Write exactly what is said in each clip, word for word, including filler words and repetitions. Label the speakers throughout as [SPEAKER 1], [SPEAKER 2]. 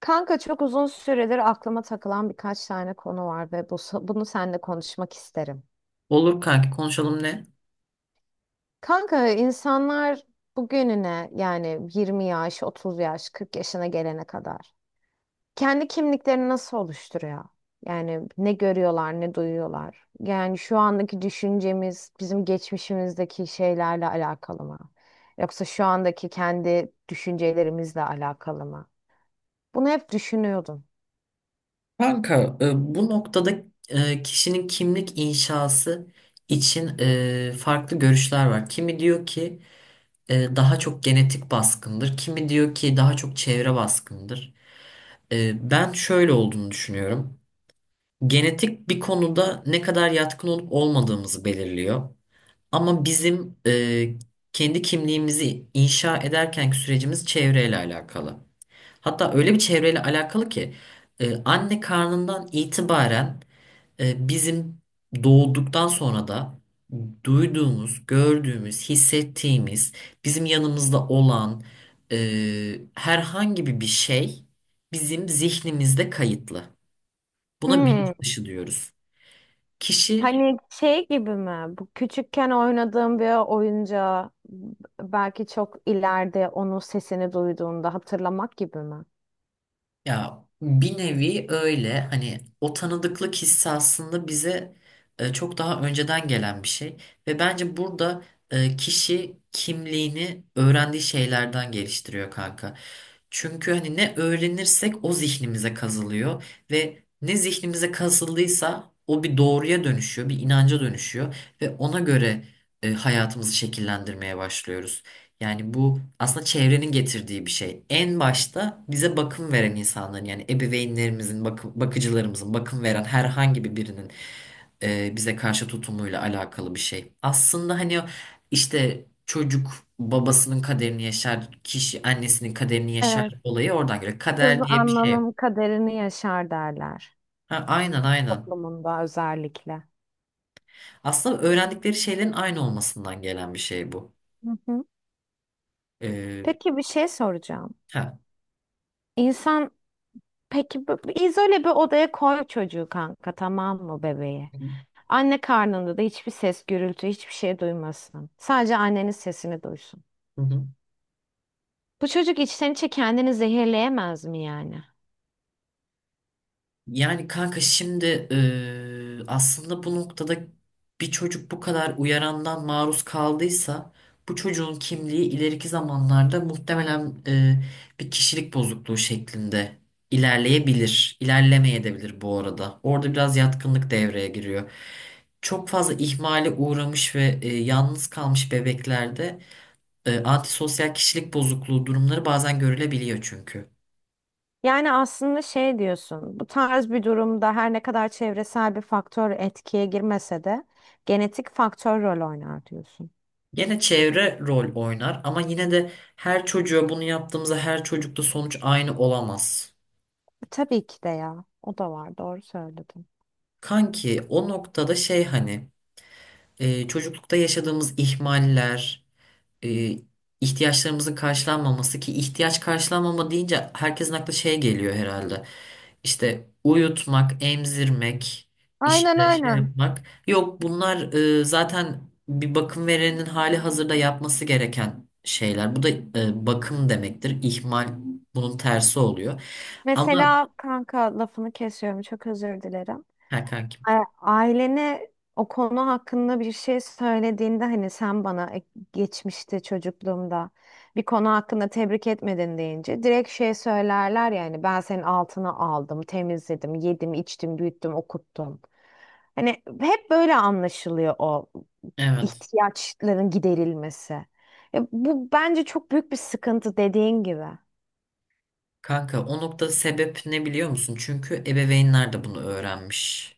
[SPEAKER 1] Kanka, çok uzun süredir aklıma takılan birkaç tane konu var ve bu, bunu seninle konuşmak isterim.
[SPEAKER 2] Olur kanki, konuşalım, ne?
[SPEAKER 1] Kanka, insanlar bugününe yani yirmi yaş, otuz yaş, kırk yaşına gelene kadar kendi kimliklerini nasıl oluşturuyor? Yani ne görüyorlar, ne duyuyorlar? Yani şu andaki düşüncemiz bizim geçmişimizdeki şeylerle alakalı mı? Yoksa şu andaki kendi düşüncelerimizle alakalı mı? Bunu hep düşünüyordum.
[SPEAKER 2] Kanka, e, bu noktada e, kişinin kimlik inşası için e, farklı görüşler var. Kimi diyor ki e, daha çok genetik baskındır. Kimi diyor ki daha çok çevre baskındır. E, ben şöyle olduğunu düşünüyorum. Genetik bir konuda ne kadar yatkın olup olmadığımızı belirliyor. Ama bizim e, kendi kimliğimizi inşa ederkenki sürecimiz çevreyle alakalı. Hatta öyle bir çevreyle alakalı ki e, anne karnından itibaren e, bizim doğduktan sonra da duyduğumuz, gördüğümüz, hissettiğimiz, bizim yanımızda olan e, herhangi bir bir şey bizim zihnimizde kayıtlı. Buna
[SPEAKER 1] Hmm.
[SPEAKER 2] bilinç dışı diyoruz. Kişi...
[SPEAKER 1] Hani şey gibi mi? Bu küçükken oynadığım bir oyuncağı belki çok ileride onun sesini duyduğunda hatırlamak gibi mi?
[SPEAKER 2] Ya bir nevi öyle, hani o tanıdıklık hissi aslında bize e, çok daha önceden gelen bir şey ve bence burada e, kişi kimliğini öğrendiği şeylerden geliştiriyor kanka. Çünkü hani ne öğrenirsek o zihnimize kazılıyor ve ne zihnimize kazıldıysa o bir doğruya dönüşüyor, bir inanca dönüşüyor ve ona göre e, hayatımızı şekillendirmeye başlıyoruz. Yani bu aslında çevrenin getirdiği bir şey. En başta bize bakım veren insanların, yani ebeveynlerimizin, bakı- bakıcılarımızın, bakım veren herhangi bir birinin e, bize karşı tutumuyla alakalı bir şey. Aslında hani o işte çocuk babasının kaderini yaşar, kişi annesinin kaderini yaşar
[SPEAKER 1] Evet.
[SPEAKER 2] olayı oradan geliyor.
[SPEAKER 1] Kız
[SPEAKER 2] Kader diye bir şey yok.
[SPEAKER 1] anlanın kaderini yaşar derler
[SPEAKER 2] Ha, aynen aynen.
[SPEAKER 1] toplumunda özellikle.
[SPEAKER 2] Aslında öğrendikleri şeylerin aynı olmasından gelen bir şey bu.
[SPEAKER 1] Hı hı.
[SPEAKER 2] Ee,
[SPEAKER 1] Peki bir şey soracağım.
[SPEAKER 2] ha.
[SPEAKER 1] İnsan, peki bu- bu izole bir odaya koy çocuğu kanka, tamam mı, bebeği? Anne karnında da hiçbir ses, gürültü, hiçbir şey duymasın. Sadece annenin sesini duysun.
[SPEAKER 2] Hı hı.
[SPEAKER 1] Bu çocuk içten içe kendini zehirleyemez mi yani?
[SPEAKER 2] Yani kanka şimdi, eee, aslında bu noktada bir çocuk bu kadar uyarandan maruz kaldıysa bu çocuğun kimliği ileriki zamanlarda muhtemelen eee, bir kişilik bozukluğu şeklinde ilerleyebilir. İlerlemeyebilir bu arada. Orada biraz yatkınlık devreye giriyor. Çok fazla ihmale uğramış ve eee, yalnız kalmış bebeklerde eee, antisosyal kişilik bozukluğu durumları bazen görülebiliyor çünkü.
[SPEAKER 1] Yani aslında şey diyorsun, bu tarz bir durumda her ne kadar çevresel bir faktör etkiye girmese de genetik faktör rol oynar diyorsun.
[SPEAKER 2] Gene çevre rol oynar ama yine de her çocuğa bunu yaptığımızda her çocukta sonuç aynı olamaz.
[SPEAKER 1] E, Tabii ki de ya. O da var. Doğru söyledin.
[SPEAKER 2] Kanki, o noktada şey, hani e, çocuklukta yaşadığımız ihmaller, e, ihtiyaçlarımızın karşılanmaması ki ihtiyaç karşılanmama deyince herkesin aklı şey geliyor herhalde. İşte uyutmak, emzirmek,
[SPEAKER 1] Aynen
[SPEAKER 2] işte şey
[SPEAKER 1] aynen.
[SPEAKER 2] yapmak. Yok, bunlar e, zaten bir bakım verenin hali hazırda yapması gereken şeyler. Bu da e, bakım demektir. İhmal bunun tersi oluyor. Ama...
[SPEAKER 1] Mesela kanka, lafını kesiyorum, çok özür dilerim.
[SPEAKER 2] ha kankim.
[SPEAKER 1] A- Ailene o konu hakkında bir şey söylediğinde hani sen bana e, geçmişte çocukluğumda bir konu hakkında tebrik etmedin deyince direkt şey söylerler: yani ben senin altına aldım, temizledim, yedim, içtim, büyüttüm, okuttum. Hani hep böyle anlaşılıyor o
[SPEAKER 2] Evet.
[SPEAKER 1] ihtiyaçların giderilmesi. E, bu bence çok büyük bir sıkıntı dediğin gibi.
[SPEAKER 2] Kanka, o nokta sebep ne biliyor musun? Çünkü ebeveynler de bunu öğrenmiş.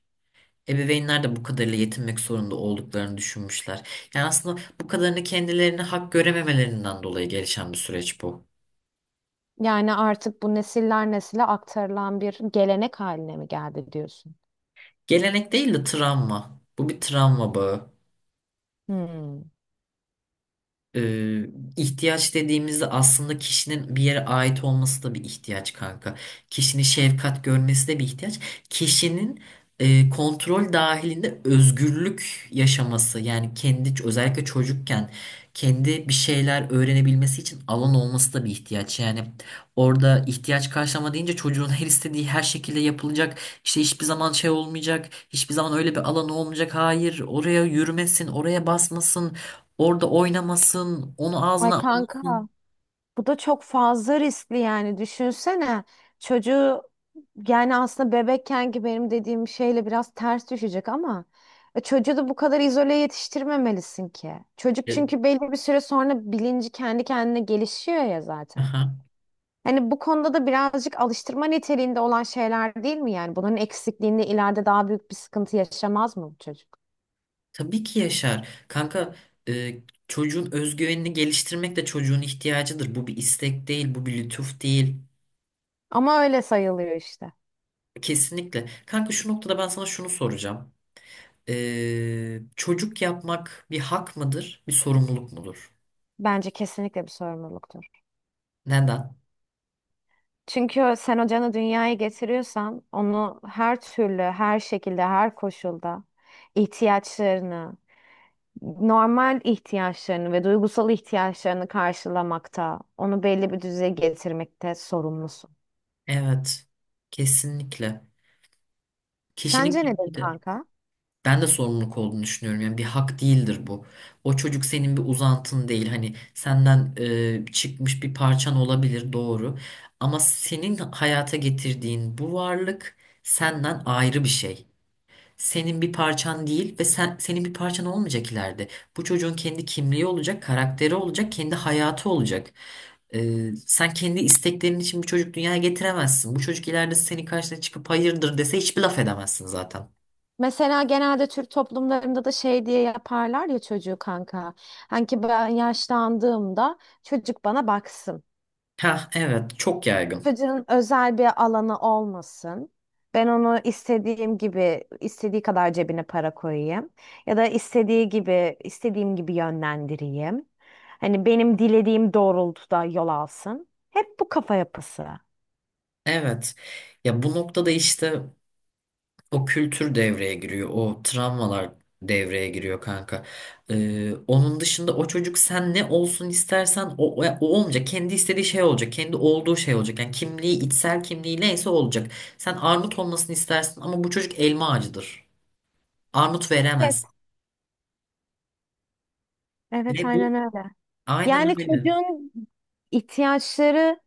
[SPEAKER 2] Ebeveynler de bu kadarıyla yetinmek zorunda olduklarını düşünmüşler. Yani aslında bu kadarını kendilerine hak görememelerinden dolayı gelişen bir süreç bu.
[SPEAKER 1] Yani artık bu nesiller nesile aktarılan bir gelenek haline mi geldi diyorsun?
[SPEAKER 2] Gelenek değil de travma. Bu bir travma bağı.
[SPEAKER 1] Hmm.
[SPEAKER 2] Ee, ihtiyaç dediğimizde aslında kişinin bir yere ait olması da bir ihtiyaç kanka. Kişinin şefkat görmesi de bir ihtiyaç. Kişinin e, kontrol dahilinde özgürlük yaşaması, yani kendi özellikle çocukken kendi bir şeyler öğrenebilmesi için alan olması da bir ihtiyaç. Yani orada ihtiyaç karşılama deyince çocuğun her istediği her şekilde yapılacak. İşte hiçbir zaman şey olmayacak. Hiçbir zaman öyle bir alan olmayacak. Hayır, oraya yürümesin, oraya basmasın. Orada oynamasın, onu
[SPEAKER 1] Ay
[SPEAKER 2] ağzına almasın.
[SPEAKER 1] kanka, bu da çok fazla riskli. Yani düşünsene, çocuğu, yani aslında bebekken ki benim dediğim şeyle biraz ters düşecek ama e, çocuğu da bu kadar izole yetiştirmemelisin ki. Çocuk
[SPEAKER 2] E,
[SPEAKER 1] çünkü belli bir süre sonra bilinci kendi kendine gelişiyor ya zaten.
[SPEAKER 2] aha.
[SPEAKER 1] Hani bu konuda da birazcık alıştırma niteliğinde olan şeyler değil mi yani? Bunun eksikliğinde ileride daha büyük bir sıkıntı yaşamaz mı bu çocuk?
[SPEAKER 2] Tabii ki yaşar. Kanka, e, çocuğun özgüvenini geliştirmek de çocuğun ihtiyacıdır. Bu bir istek değil, bu bir lütuf değil.
[SPEAKER 1] Ama öyle sayılıyor işte.
[SPEAKER 2] Kesinlikle. Kanka, şu noktada ben sana şunu soracağım. E, çocuk yapmak bir hak mıdır, bir sorumluluk mudur?
[SPEAKER 1] Bence kesinlikle bir sorumluluktur.
[SPEAKER 2] Neden?
[SPEAKER 1] Çünkü sen o canı dünyaya getiriyorsan onu her türlü, her şekilde, her koşulda ihtiyaçlarını, normal ihtiyaçlarını ve duygusal ihtiyaçlarını karşılamakta, onu belli bir düzeye getirmekte sorumlusun.
[SPEAKER 2] Evet. Kesinlikle. Kişinin
[SPEAKER 1] Sence nedir
[SPEAKER 2] kimliği de.
[SPEAKER 1] kanka?
[SPEAKER 2] Ben de sorumluluk olduğunu düşünüyorum. Yani bir hak değildir bu. O çocuk senin bir uzantın değil. Hani senden e, çıkmış bir parçan olabilir, doğru. Ama senin hayata getirdiğin bu varlık senden ayrı bir şey. Senin bir parçan değil ve sen senin bir parçan olmayacak ileride. Bu çocuğun kendi kimliği olacak, karakteri olacak, kendi hayatı olacak. Ee, sen kendi isteklerin için bir çocuk dünyaya getiremezsin. Bu çocuk ileride senin karşına çıkıp hayırdır dese hiçbir laf edemezsin zaten.
[SPEAKER 1] Mesela genelde Türk toplumlarında da şey diye yaparlar ya çocuğu kanka. Hani ki ben yaşlandığımda çocuk bana baksın.
[SPEAKER 2] Ha, evet çok yaygın.
[SPEAKER 1] Çocuğun özel bir alanı olmasın. Ben onu istediğim gibi, istediği kadar cebine para koyayım. Ya da istediği gibi, istediğim gibi yönlendireyim. Hani benim dilediğim doğrultuda yol alsın. Hep bu kafa yapısı.
[SPEAKER 2] Evet. Ya, bu noktada işte o kültür devreye giriyor. O travmalar devreye giriyor kanka. Ee, onun dışında o çocuk sen ne olsun istersen o, o o olmayacak. Kendi istediği şey olacak. Kendi olduğu şey olacak. Yani kimliği, içsel kimliği neyse olacak. Sen armut olmasını istersin ama bu çocuk elma ağacıdır. Armut
[SPEAKER 1] Evet.
[SPEAKER 2] veremez.
[SPEAKER 1] Evet,
[SPEAKER 2] Ve bu...
[SPEAKER 1] aynen öyle.
[SPEAKER 2] aynen
[SPEAKER 1] Yani
[SPEAKER 2] öyle.
[SPEAKER 1] çocuğun ihtiyaçları,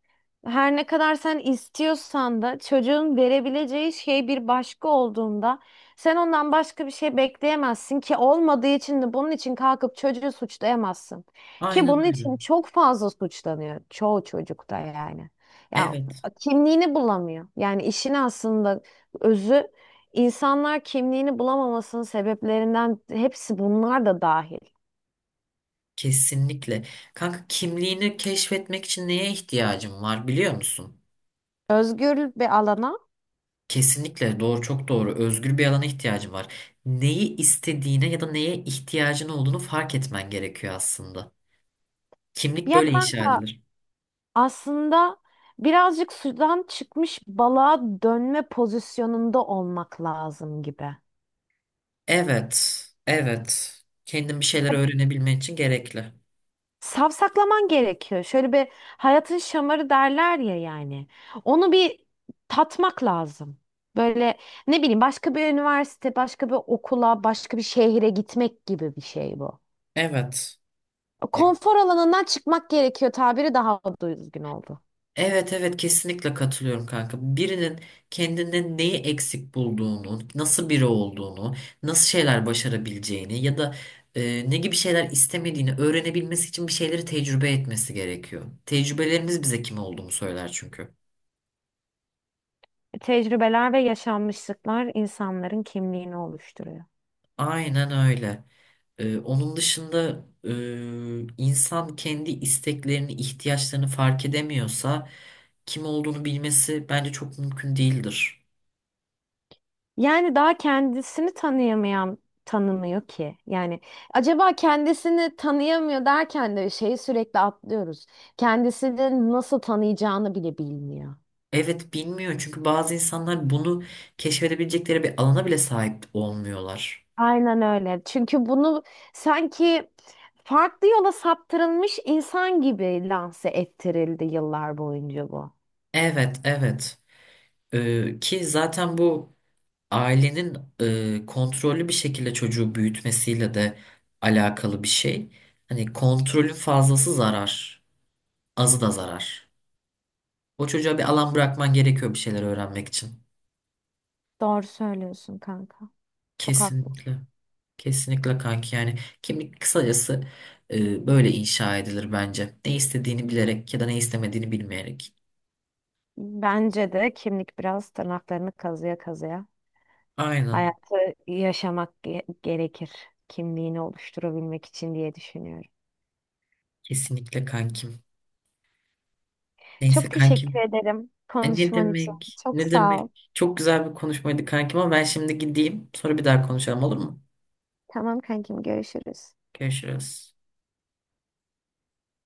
[SPEAKER 1] her ne kadar sen istiyorsan da çocuğun verebileceği şey bir başka olduğunda sen ondan başka bir şey bekleyemezsin ki, olmadığı için de bunun için kalkıp çocuğu suçlayamazsın. Ki
[SPEAKER 2] Aynen
[SPEAKER 1] bunun
[SPEAKER 2] öyle.
[SPEAKER 1] için çok fazla suçlanıyor çoğu çocukta yani. Ya
[SPEAKER 2] Evet.
[SPEAKER 1] kimliğini bulamıyor. Yani işin aslında özü, insanlar kimliğini bulamamasının sebeplerinden hepsi bunlar da dahil.
[SPEAKER 2] Kesinlikle. Kanka, kimliğini keşfetmek için neye ihtiyacın var biliyor musun?
[SPEAKER 1] Özgür bir alana,
[SPEAKER 2] Kesinlikle doğru, çok doğru. Özgür bir alana ihtiyacın var. Neyi istediğine ya da neye ihtiyacın olduğunu fark etmen gerekiyor aslında. Kimlik
[SPEAKER 1] ya
[SPEAKER 2] böyle inşa
[SPEAKER 1] kanka,
[SPEAKER 2] edilir.
[SPEAKER 1] aslında birazcık sudan çıkmış balığa dönme pozisyonunda olmak lazım gibi.
[SPEAKER 2] Evet, evet. Kendin bir şeyler
[SPEAKER 1] E,
[SPEAKER 2] öğrenebilmen için gerekli.
[SPEAKER 1] Savsaklaman gerekiyor. Şöyle bir hayatın şamarı derler ya yani. Onu bir tatmak lazım. Böyle, ne bileyim, başka bir üniversite, başka bir okula, başka bir şehire gitmek gibi bir şey bu.
[SPEAKER 2] Evet.
[SPEAKER 1] Konfor alanından çıkmak gerekiyor, tabiri daha düzgün oldu.
[SPEAKER 2] Evet, evet kesinlikle katılıyorum kanka. Birinin kendinde neyi eksik bulduğunu, nasıl biri olduğunu, nasıl şeyler başarabileceğini ya da e, ne gibi şeyler istemediğini öğrenebilmesi için bir şeyleri tecrübe etmesi gerekiyor. Tecrübelerimiz bize kim olduğunu söyler çünkü.
[SPEAKER 1] Tecrübeler ve yaşanmışlıklar insanların kimliğini oluşturuyor.
[SPEAKER 2] Aynen öyle. E, onun dışında e, insan kendi isteklerini, ihtiyaçlarını fark edemiyorsa kim olduğunu bilmesi bence çok mümkün değildir.
[SPEAKER 1] Yani daha kendisini tanıyamayan tanımıyor ki. Yani acaba kendisini tanıyamıyor derken de şeyi sürekli atlıyoruz. Kendisini nasıl tanıyacağını bile bilmiyor.
[SPEAKER 2] Evet, bilmiyor çünkü bazı insanlar bunu keşfedebilecekleri bir alana bile sahip olmuyorlar.
[SPEAKER 1] Aynen öyle. Çünkü bunu sanki farklı yola saptırılmış insan gibi lanse ettirildi yıllar boyunca bu.
[SPEAKER 2] Evet, evet. Ee, ki zaten bu ailenin e, kontrollü bir şekilde çocuğu büyütmesiyle de alakalı bir şey. Hani kontrolün fazlası zarar, azı da zarar. O çocuğa bir alan bırakman gerekiyor bir şeyler öğrenmek için.
[SPEAKER 1] Doğru söylüyorsun kanka. Çok haklısın.
[SPEAKER 2] Kesinlikle. Kesinlikle kanki, yani kimlik kısacası e, böyle inşa edilir bence. Ne istediğini bilerek ya da ne istemediğini bilmeyerek.
[SPEAKER 1] Bence de kimlik biraz tırnaklarını kazıya kazıya
[SPEAKER 2] Aynen.
[SPEAKER 1] hayatı yaşamak ge- gerekir. Kimliğini oluşturabilmek için diye düşünüyorum.
[SPEAKER 2] Kesinlikle kankim. Neyse
[SPEAKER 1] Çok teşekkür
[SPEAKER 2] kankim.
[SPEAKER 1] ederim
[SPEAKER 2] Ay, ne
[SPEAKER 1] konuşman için.
[SPEAKER 2] demek?
[SPEAKER 1] Çok
[SPEAKER 2] Ne
[SPEAKER 1] sağ
[SPEAKER 2] demek?
[SPEAKER 1] ol.
[SPEAKER 2] Çok güzel bir konuşmaydı kankim ama ben şimdi gideyim. Sonra bir daha konuşalım, olur mu?
[SPEAKER 1] Tamam kankim, görüşürüz.
[SPEAKER 2] Görüşürüz.